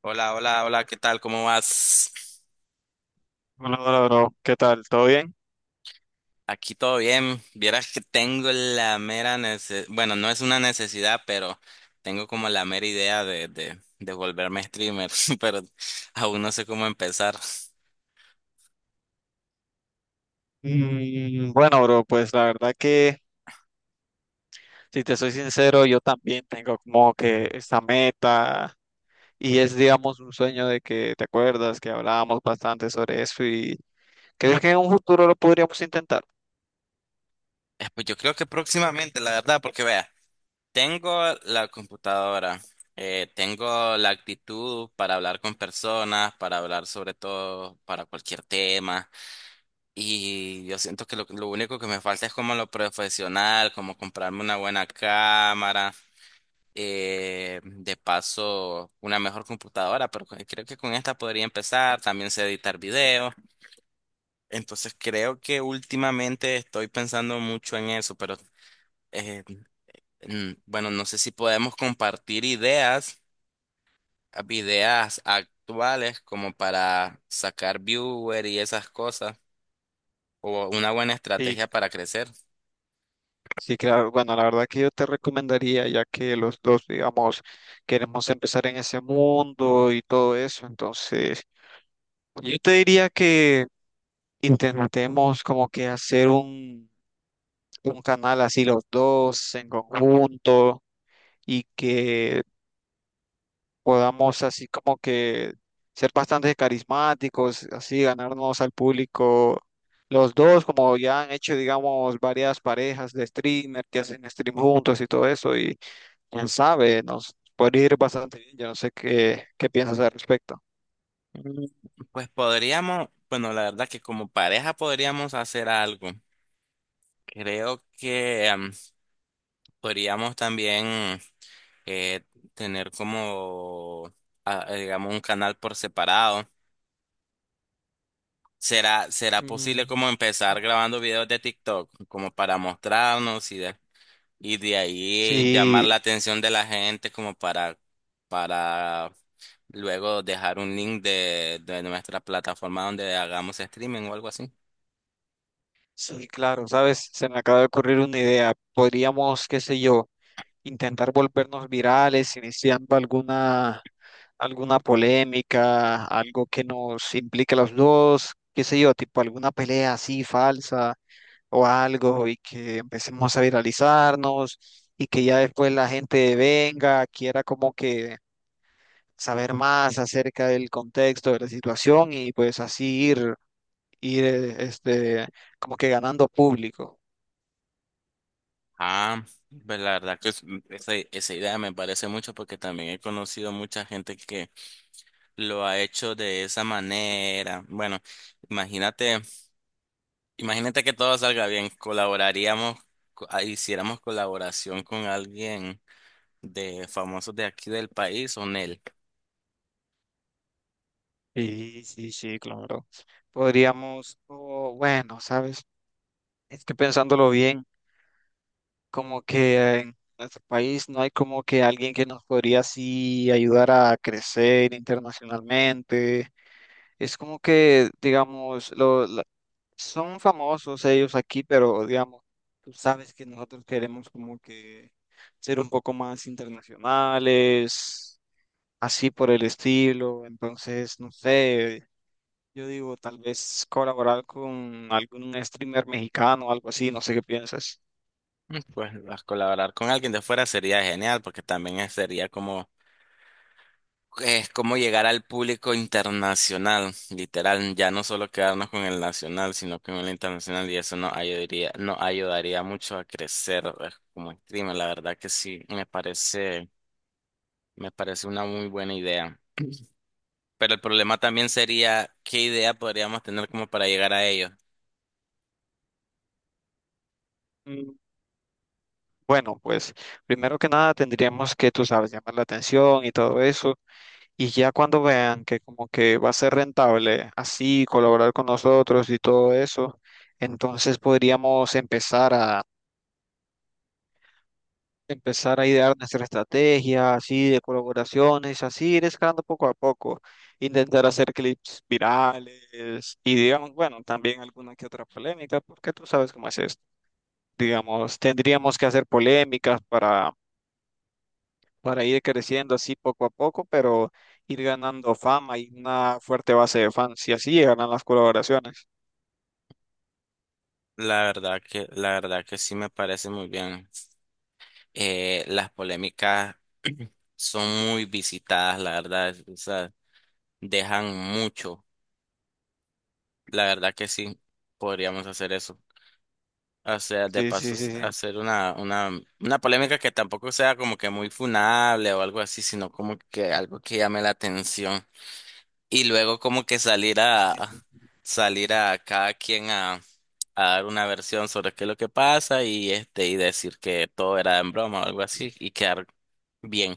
Hola, hola, hola, ¿qué tal? ¿Cómo vas? Hola, hola, bro. ¿Qué tal? ¿Todo bien? Aquí todo bien. Vieras que tengo la mera necesidad, bueno, no es una necesidad, pero tengo como la mera idea de volverme streamer, pero aún no sé cómo empezar. Mm, bueno, bro, pues la verdad que, si te soy sincero, yo también tengo como que esta meta y es, digamos, un sueño de que te acuerdas que hablábamos bastante sobre eso. Y ¿crees que en un futuro lo podríamos intentar? Pues yo creo que próximamente, la verdad, porque vea, tengo la computadora, tengo la actitud para hablar con personas, para hablar sobre todo, para cualquier tema. Y yo siento que lo único que me falta es como lo profesional, como comprarme una buena cámara, de paso una mejor computadora, pero creo que con esta podría empezar, también sé editar videos. Entonces creo que últimamente estoy pensando mucho en eso, pero eh, bueno, no sé si podemos compartir ideas, ideas actuales como para sacar viewer y esas cosas, o una buena Y estrategia para crecer. sí, claro, bueno, la verdad que yo te recomendaría, ya que los dos, digamos, queremos empezar en ese mundo y todo eso, entonces yo te diría que intentemos como que hacer un canal así los dos en conjunto, y que podamos así como que ser bastante carismáticos, así ganarnos al público los dos, como ya han hecho, digamos, varias parejas de streamer que hacen stream juntos y todo eso, y quién sabe, nos puede ir bastante bien. Yo no sé qué, qué piensas al respecto. Mm, Pues podríamos, bueno, la verdad que como pareja podríamos hacer algo. Creo que podríamos también eh, tener como, digamos, un canal por separado. ¿Será Mm, posible como empezar grabando videos de TikTok, como para mostrarnos y de ahí llamar sí, la atención de la gente como para luego dejar un link de nuestra plataforma donde hagamos streaming o algo así? sí, claro, sabes, se me acaba de ocurrir una idea. Podríamos, qué sé yo, intentar volvernos virales, iniciando alguna, alguna polémica, algo que nos implique a los dos, qué sé yo, tipo alguna pelea así falsa o algo, y que empecemos a viralizarnos y que ya después la gente venga, quiera como que saber más acerca del contexto de la situación, y pues así ir, ir, como que ganando público. Ah, pues la verdad que esa idea me parece mucho porque también he conocido mucha gente que lo ha hecho de esa manera. Bueno, imagínate, imagínate que todo salga bien, colaboraríamos, hiciéramos colaboración con alguien de famosos de aquí del país o Nel. Sí, sí, sí, claro. Podríamos, o bueno, ¿sabes? Es que pensándolo bien, como que en nuestro país no hay como que alguien que nos podría así ayudar a crecer internacionalmente. Es como que, digamos, lo, la- son famosos ellos aquí, pero digamos, tú sabes que nosotros queremos como que ser un poco más internacionales, así por el estilo. Entonces, no sé, yo digo, tal vez colaborar con algún streamer mexicano o algo así. No sé qué piensas. Pues a colaborar con alguien de fuera sería genial porque también sería como. Es como llegar al público internacional, literal, ya no solo quedarnos con el nacional, sino con el internacional, y eso nos ayudaría mucho a crecer como streamer. La verdad que sí, me parece una muy buena idea. Pero el problema también sería qué idea podríamos tener como para llegar a ello. Bueno, pues primero que nada tendríamos que, tú sabes, llamar la atención y todo eso. Y ya cuando vean que como que va a ser rentable así colaborar con nosotros y todo eso, entonces podríamos empezar a idear nuestra estrategia así de colaboraciones, así ir escalando poco a poco, intentar hacer clips virales y digamos, bueno, también alguna que otra polémica, porque tú sabes cómo es esto. Digamos, tendríamos que hacer polémicas para ir creciendo así poco a poco, pero ir ganando fama y una fuerte base de fans, y así llegarán las colaboraciones. La verdad la verdad que sí me parece muy bien. Las polémicas son muy visitadas, la verdad, o sea, dejan mucho. La verdad que sí, podríamos hacer eso. O sea, de Sí, paso, sí, sí, sí. hacer una polémica que tampoco sea como que muy funable o algo así, sino como que algo que llame la atención. Y luego como que Entiendo. salir a cada quien a dar una versión sobre qué es lo que pasa y este, y decir que todo era en broma o algo así y quedar bien.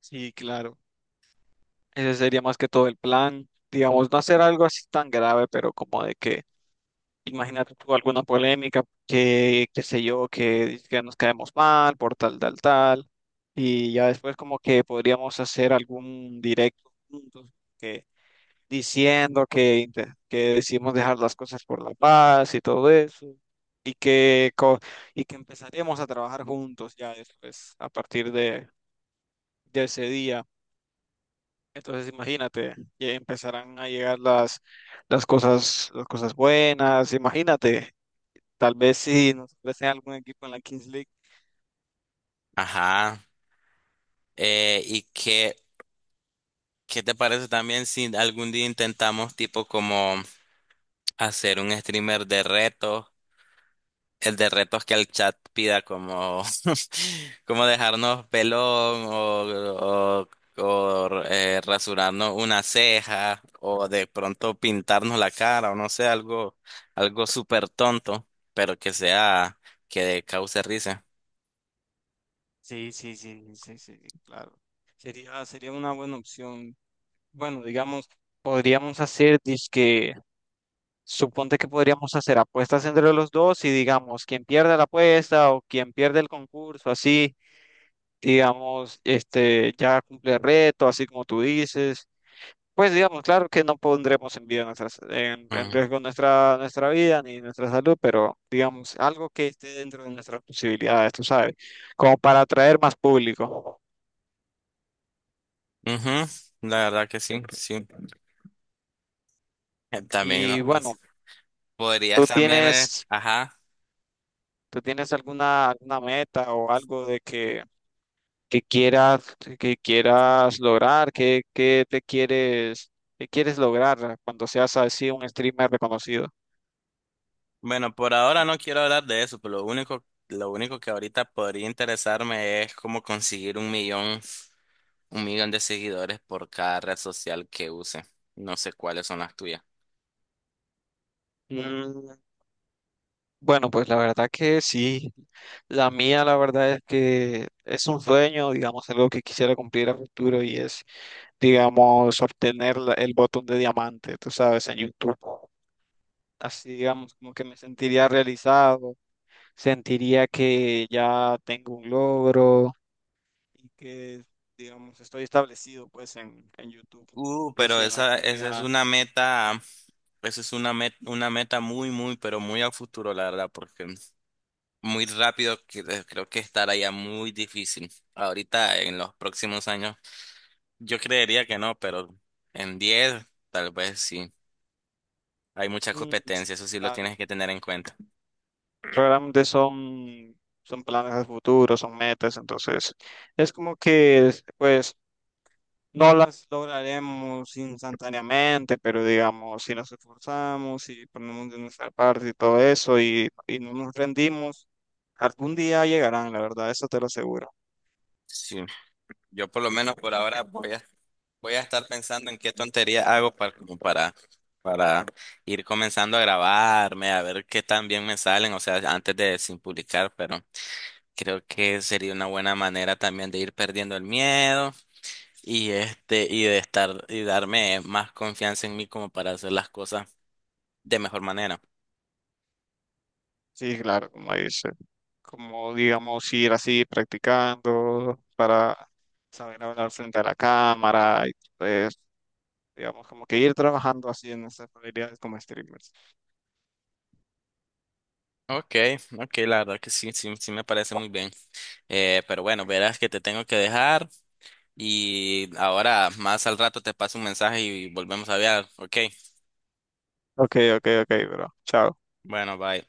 Sí, claro. Ese sería más que todo el plan, digamos, no hacer algo así tan grave, pero como de que, imagínate tú alguna polémica, que, qué sé yo, que nos caemos mal por tal, tal, tal, y ya después como que podríamos hacer algún directo juntos, diciendo que, que decidimos dejar las cosas por la paz y todo eso, y y que empezaremos a trabajar juntos ya después, a partir de ese día. Entonces imagínate, ya empezarán a llegar las cosas buenas. Imagínate, tal vez si nos ofrecen algún equipo en la Kings League. Ajá. ¿Y qué te parece también si algún día intentamos tipo como hacer un streamer de retos, el de retos que el chat pida como, como dejarnos pelón o rasurarnos una ceja o de pronto pintarnos la cara o no sé, algo, algo súper tonto, pero que sea, que cause risa. Sí, sí, sí, sí, sí, claro. Sería, sería una buena opción. Bueno, digamos, podríamos hacer disque Suponte que podríamos hacer apuestas entre los dos y digamos, quien pierda la apuesta o quien pierde el concurso, así, digamos, este, ya cumple el reto, así como tú dices. Pues digamos, claro que no pondremos en vida nuestras, en Mm. riesgo nuestra, nuestra vida ni nuestra salud, pero digamos, algo que esté dentro de nuestras posibilidades, tú sabes, como para atraer más público. Ujú. La verdad que sí, sí. También, ¿no? Y bueno, tú Podrías también, tienes, ajá. tú tienes alguna, alguna meta o algo de que qué quieras lograr, qué, qué te quieres, qué quieres lograr cuando seas así un streamer reconocido. Bueno, por ahora no quiero hablar de eso, pero lo único que ahorita podría interesarme es cómo conseguir 1 millón, 1 millón de seguidores por cada red social que use. No sé cuáles son las tuyas. Mm, bueno, pues la verdad que sí. La mía, la verdad es que es un sueño, digamos, algo que quisiera cumplir a futuro y es, digamos, obtener el botón de diamante, tú sabes, en YouTube. Así digamos, como que me sentiría realizado, sentiría que ya tengo un logro y que, digamos, estoy establecido pues en YouTube y Pero así en la esa es comunidad. una meta, esa es una meta muy, muy, pero muy a futuro, la verdad, porque muy rápido creo que estará ya muy difícil. Ahorita, en los próximos años, yo creería que no, pero en 10 tal vez sí. Hay mucha Mm, sí, competencia, eso sí lo claro. tienes que tener en cuenta. Realmente son, son planes de futuro, son metas, entonces es como que pues no las lograremos instantáneamente, pero digamos, si nos esforzamos y ponemos de nuestra parte y todo eso y no nos rendimos, algún día llegarán, la verdad, eso te lo aseguro. Sí, yo por lo menos por ahora voy a estar pensando en qué tontería hago para ir comenzando a grabarme, a ver qué tan bien me salen, o sea, antes de sin publicar, pero creo que sería una buena manera también de ir perdiendo el miedo y este, y darme más confianza en mí como para hacer las cosas de mejor manera. Sí, claro, como dice, como digamos, ir así practicando para saber hablar frente a la cámara y pues, digamos, como que ir trabajando así en nuestras habilidades como streamers. Ok, ok, la verdad que sí, sí, sí me parece muy bien. Pero bueno, verás que te tengo que dejar. Y ahora, más al rato te paso un mensaje y volvemos a hablar. Ok, Ok, ok, ok, bro. Chao. bueno, bye.